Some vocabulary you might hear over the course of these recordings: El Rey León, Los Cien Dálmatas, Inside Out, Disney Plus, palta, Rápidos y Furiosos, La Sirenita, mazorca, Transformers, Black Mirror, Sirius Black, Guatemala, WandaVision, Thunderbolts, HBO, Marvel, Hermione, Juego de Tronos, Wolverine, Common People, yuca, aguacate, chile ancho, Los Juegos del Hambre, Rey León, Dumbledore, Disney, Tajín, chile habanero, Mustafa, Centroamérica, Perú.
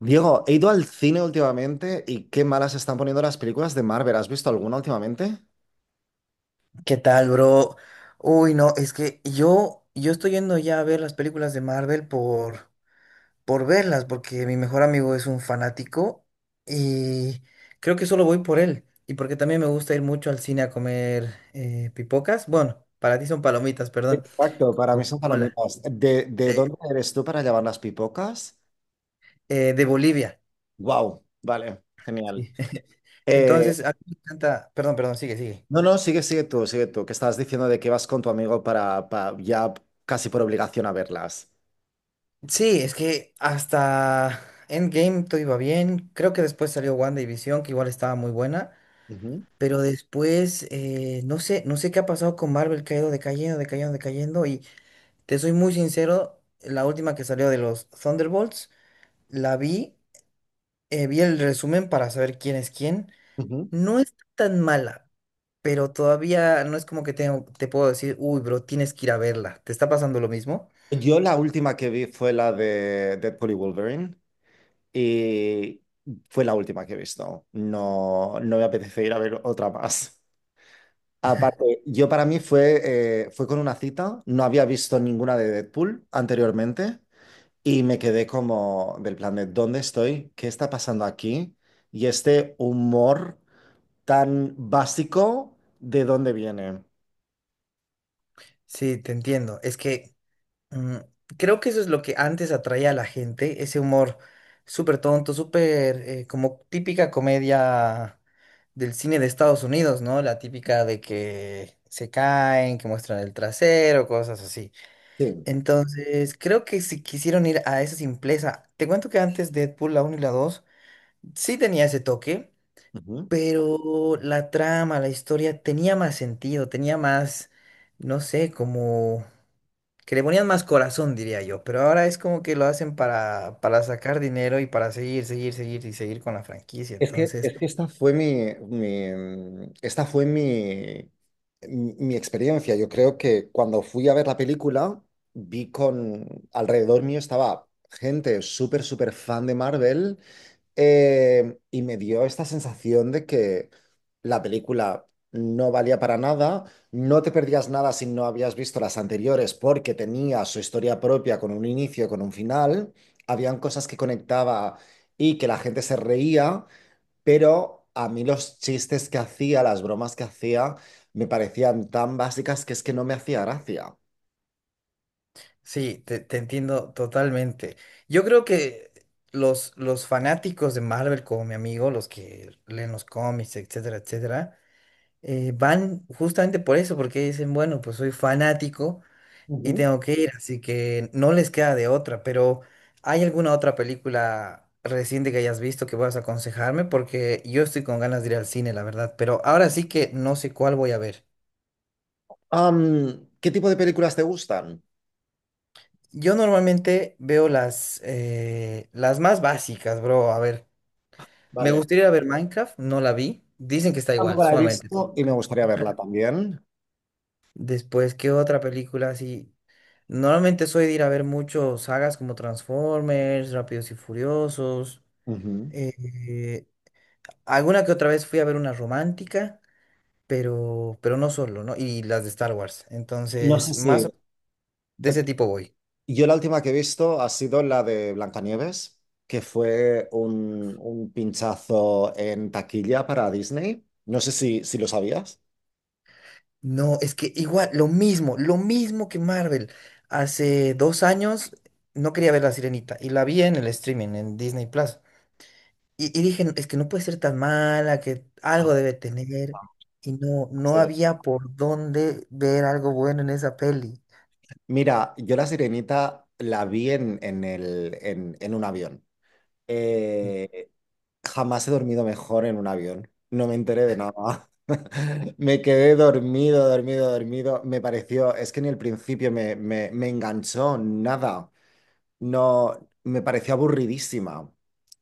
Diego, he ido al cine últimamente y qué malas están poniendo las películas de Marvel. ¿Has visto alguna últimamente? ¿Qué tal, bro? Uy, no, es que yo estoy yendo ya a ver las películas de Marvel por verlas, porque mi mejor amigo es un fanático y creo que solo voy por él. Y porque también me gusta ir mucho al cine a comer pipocas. Bueno, para ti son palomitas, perdón. Exacto, para mí son Coca-Cola. palomitas. ¿De eh, dónde eres tú para llevar las pipocas? De Bolivia. Wow, vale, genial. Sí. Eh, Entonces, a mí me encanta. Perdón, perdón, sigue, sigue. no, no, sigue, sigue tú, que estabas diciendo de que vas con tu amigo para, ya casi por obligación a verlas. Sí, es que hasta Endgame todo iba bien. Creo que después salió WandaVision, que igual estaba muy buena. Ujú, Pero después, no sé, no sé qué ha pasado con Marvel, que ha ido decayendo, decayendo, decayendo. Y te soy muy sincero, la última que salió de los Thunderbolts, la vi, vi el resumen para saber quién es quién. ujú. No es tan mala, pero todavía no es como que tengo, te puedo decir, uy, bro, tienes que ir a verla. ¿Te está pasando lo mismo? Yo la última que vi fue la de Deadpool y Wolverine y fue la última que he visto. No, no me apetece ir a ver otra más. Aparte, yo para mí fue, fue con una cita, no había visto ninguna de Deadpool anteriormente y me quedé como del plan de ¿dónde estoy? ¿Qué está pasando aquí? Y este humor tan básico, ¿de dónde viene? Sí, te entiendo. Mm, Creo que eso es lo que antes atraía a la gente, ese humor súper tonto, súper como típica comedia del cine de Estados Unidos, ¿no? La típica de que se caen, que muestran el trasero, cosas así. Sí. Entonces, creo que si quisieron ir a esa simpleza, te cuento que antes Deadpool, la uno y la 2 sí tenía ese toque, Ujú. pero la trama, la historia tenía más sentido, tenía más, no sé, como que le ponían más corazón, diría yo, pero ahora es como que lo hacen para sacar dinero y para seguir, seguir, seguir y seguir con la franquicia. Es que, Entonces, es que esta fue esta fue mi, mi experiencia. Yo creo que cuando fui a ver la película, vi con alrededor mío estaba gente súper, súper fan de Marvel. Y me dio esta sensación de que la película no valía para nada, no te perdías nada si no habías visto las anteriores porque tenía su historia propia con un inicio, con un final, habían cosas que conectaba y que la gente se reía, pero a mí los chistes que hacía, las bromas que hacía, me parecían tan básicas que es que no me hacía gracia. sí, te entiendo totalmente. Yo creo que los fanáticos de Marvel, como mi amigo, los que leen los cómics, etcétera, etcétera, van justamente por eso, porque dicen, bueno, pues soy fanático. Y Ujú. tengo que ir, así que no les queda de otra, pero ¿hay alguna otra película reciente que hayas visto que puedas aconsejarme? Porque yo estoy con ganas de ir al cine, la verdad, pero ahora sí que no sé cuál voy a ver. ¿Qué tipo de películas te gustan? Yo normalmente veo las más básicas, bro. A ver, me Vale, gustaría ir a ver Minecraft, no la vi. Dicen que está igual, tampoco la he sumamente. visto y me gustaría verla también. Después, ¿qué otra película así? Normalmente soy de ir a ver muchos sagas como Transformers, Rápidos y Furiosos. Ujú. eh, Alguna que otra vez fui a ver una romántica, pero no solo, ¿no? Y las de Star Wars. No sé Entonces, si... más de ese tipo voy. Yo la última que he visto ha sido la de Blancanieves, que fue un pinchazo en taquilla para Disney. No sé si lo sabías. No, es que igual, lo mismo que Marvel. Hace dos años no quería ver La Sirenita y la vi en el streaming, en Disney Plus. Y dije, "No, es que no puede ser tan mala, que Ah, algo debe tener". Y no, no sí. había por dónde ver algo bueno en esa peli. Mira, yo la Sirenita la vi en un avión. Eh, Jamás he dormido mejor en un avión. No me enteré de nada. Me quedé dormido, dormido, dormido. Me pareció, es que ni el principio me enganchó nada. No, me pareció aburridísima.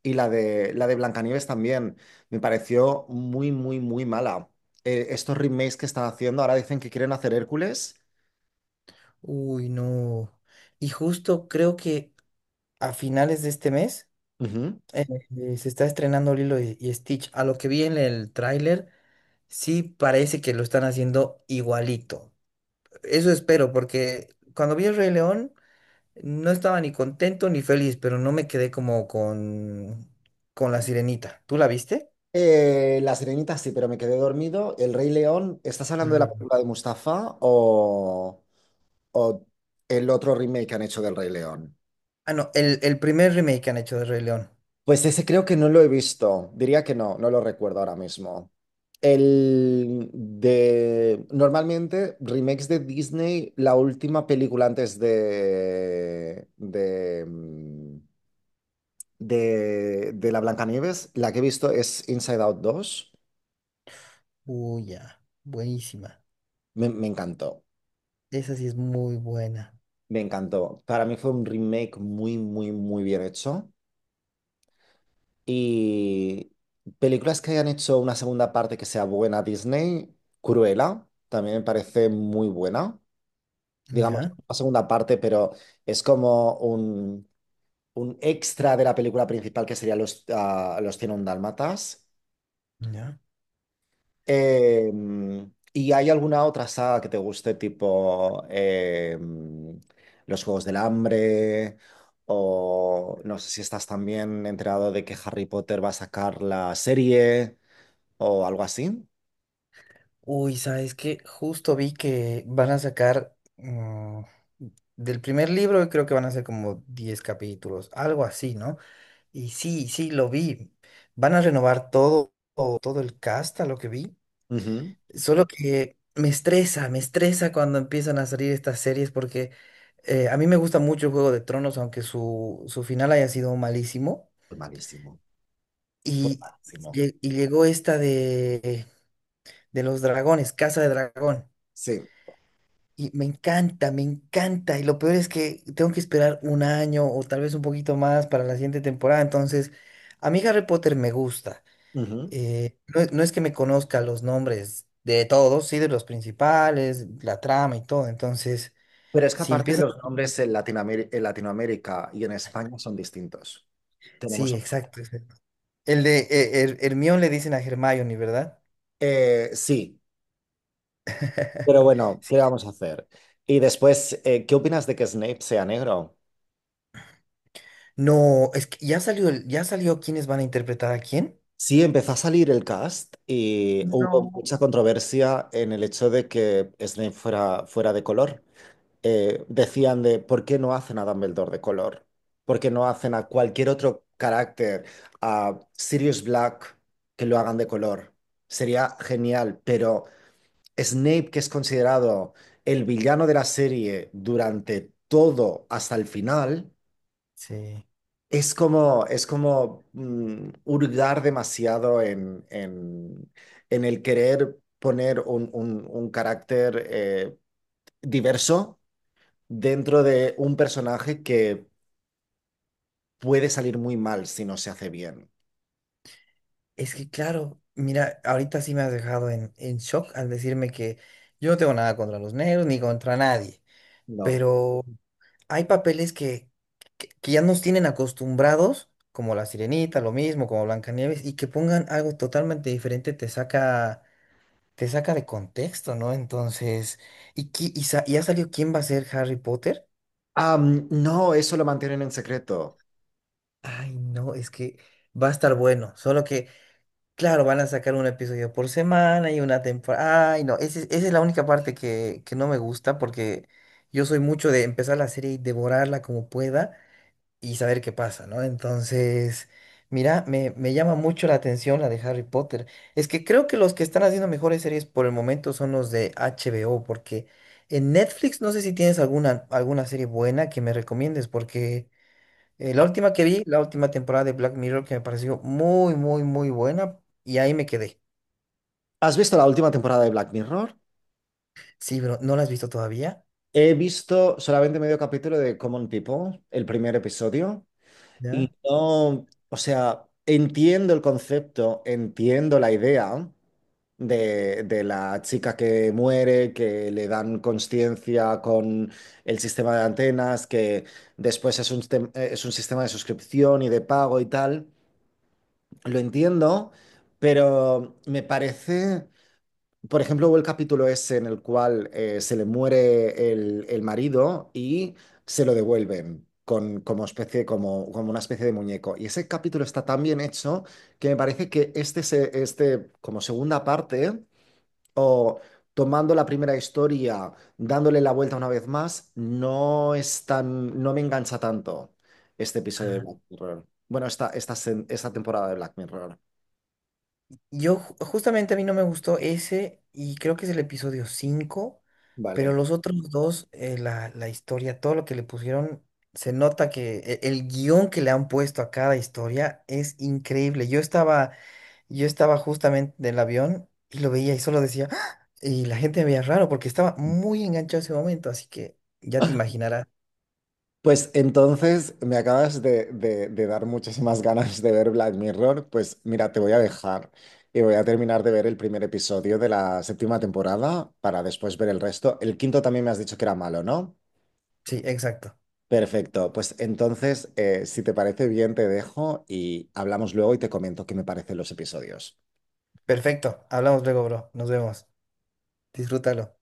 Y la de Blancanieves también. Me pareció muy, muy, muy mala. Estos remakes que están haciendo, ahora dicen que quieren hacer Hércules. Uy, no. Y justo creo que a finales de este mes. Ujú. Se está estrenando Lilo y Stitch. A lo que vi en el tráiler, sí parece que lo están haciendo igualito. Eso espero, porque cuando vi el Rey León, no estaba ni contento ni feliz, pero no me quedé como con la Sirenita. ¿Tú la viste? La Sirenita sí, pero me quedé dormido. El Rey León, ¿estás El hablando de Rey la León. película de Mustafa o el otro remake que han hecho del Rey León? Ah, no, el primer remake que han hecho de Rey León. Pues ese creo que no lo he visto. Diría que no, no lo recuerdo ahora mismo. El de normalmente remakes de Disney, la última película antes de la Blancanieves, la que he visto es Inside Out dos. Uy, ya, buenísima. Me encantó, Esa sí es muy buena. me encantó. Para mí fue un remake muy, muy, muy bien hecho. Y películas que hayan hecho una segunda parte que sea buena Disney, Cruella, también me parece muy buena. Digamos, ¿Ya? una segunda parte, pero es como un extra de la película principal que sería los cien Dálmatas. ¿Ya? Eh, ¿Y hay alguna otra saga que te guste, tipo Los Juegos del Hambre? O no sé si estás también enterado de que Harry Potter va a sacar la serie o algo así. Uy, ¿sabes qué? Justo vi que van a sacar del primer libro, creo que van a ser como 10 capítulos, algo así, ¿no? Y sí, sí, lo vi. Van a renovar todo, todo el cast, a lo que vi. Ujú. Solo que me estresa cuando empiezan a salir estas series porque a mí me gusta mucho Juego de Tronos, aunque su final haya sido malísimo. Fue malísimo. Fue Y, malísimo. Y llegó esta de los dragones, Casa de Dragón. Sí. Y me encanta, me encanta. Y lo peor es que tengo que esperar un año o tal vez un poquito más para la siguiente temporada. Entonces, a mí Harry Potter me gusta. Ujú. No, es no es que me conozca los nombres de todos, sí, de los principales, la trama y todo. Entonces, Pero es que si aparte empieza... los nombres en Latinoamérica y en España son distintos. Tenemos. Sí, exacto, exacto. El de Hermione le dicen a Hermione, ¿verdad? Sí. Pero bueno, ¿qué vamos a hacer? Y después, ¿qué opinas de que Snape sea negro? No, es que ya salió, ya salió quiénes van a interpretar a quién. Sí, empezó a salir el cast y hubo mucha controversia en el hecho de que Snape fuera, fuera de color. Decían de, ¿por qué no hacen a Dumbledore de color? ¿Por qué no hacen a cualquier otro carácter, a Sirius Black, que lo hagan de color? Sería genial, pero Snape, que es considerado el villano de la serie durante todo hasta el final, Sí. es como, es como mm, hurgar demasiado en el querer poner un, un carácter diverso dentro de un personaje que puede salir muy mal si no se hace bien. Es que claro, mira, ahorita sí me has dejado en shock al decirme que yo no tengo nada contra los negros ni contra nadie, No. pero hay papeles que ya nos tienen acostumbrados, como La Sirenita, lo mismo, como Blancanieves, y que pongan algo totalmente diferente te saca de contexto, ¿no? Entonces, ¿y ya salió quién va a ser Harry Potter? No, eso lo mantienen en secreto. Ay, no, es que va a estar bueno, solo que claro, van a sacar un episodio por semana y una temporada. Ay, no, esa es la única parte que no me gusta porque yo soy mucho de empezar la serie y devorarla como pueda y saber qué pasa, ¿no? Entonces, mira, me llama mucho la atención la de Harry Potter. Es que creo que los que están haciendo mejores series por el momento son los de HBO porque en Netflix no sé si tienes alguna, alguna serie buena que me recomiendes porque... la última que vi, la última temporada de Black Mirror que me pareció muy, muy, muy buena y ahí me quedé. ¿Has visto la última temporada de Black Mirror? Sí, pero ¿no la has visto todavía? He visto solamente medio capítulo de Common People, el primer episodio. ¿Ya? Y no, o sea, entiendo el concepto, entiendo la idea de la chica que muere, que le dan conciencia con el sistema de antenas, que después es un, es un sistema de suscripción y de pago y tal. Lo entiendo, pero me parece. Por ejemplo, hubo el capítulo ese en el cual se le muere el marido y se lo devuelven con, como especie, como, como una especie de muñeco. Y ese capítulo está tan bien hecho que me parece que este, este como segunda parte, o tomando la primera historia, dándole la vuelta una vez más, no es tan, no me engancha tanto este episodio de Ah, Black Mirror. Bueno, esta, esta temporada de Black Mirror. Justamente a mí no me gustó ese y creo que es el episodio 5, pero Vale. los otros dos, la, la historia, todo lo que le pusieron, se nota que el guión que le han puesto a cada historia es increíble. Yo estaba justamente en el avión y lo veía y solo decía, "¡Ah!", y la gente me veía raro porque estaba muy enganchado ese momento, así que ya te imaginarás. Pues entonces me acabas de, de dar muchísimas ganas de ver Black Mirror. Pues mira, te voy a dejar y voy a terminar de ver el primer episodio de la séptima temporada para después ver el resto. El quinto también me has dicho que era malo, ¿no? Sí, exacto. Perfecto. Pues entonces, si te parece bien, te dejo y hablamos luego y te comento qué me parecen los episodios. Perfecto. Hablamos luego, bro. Nos vemos. Disfrútalo.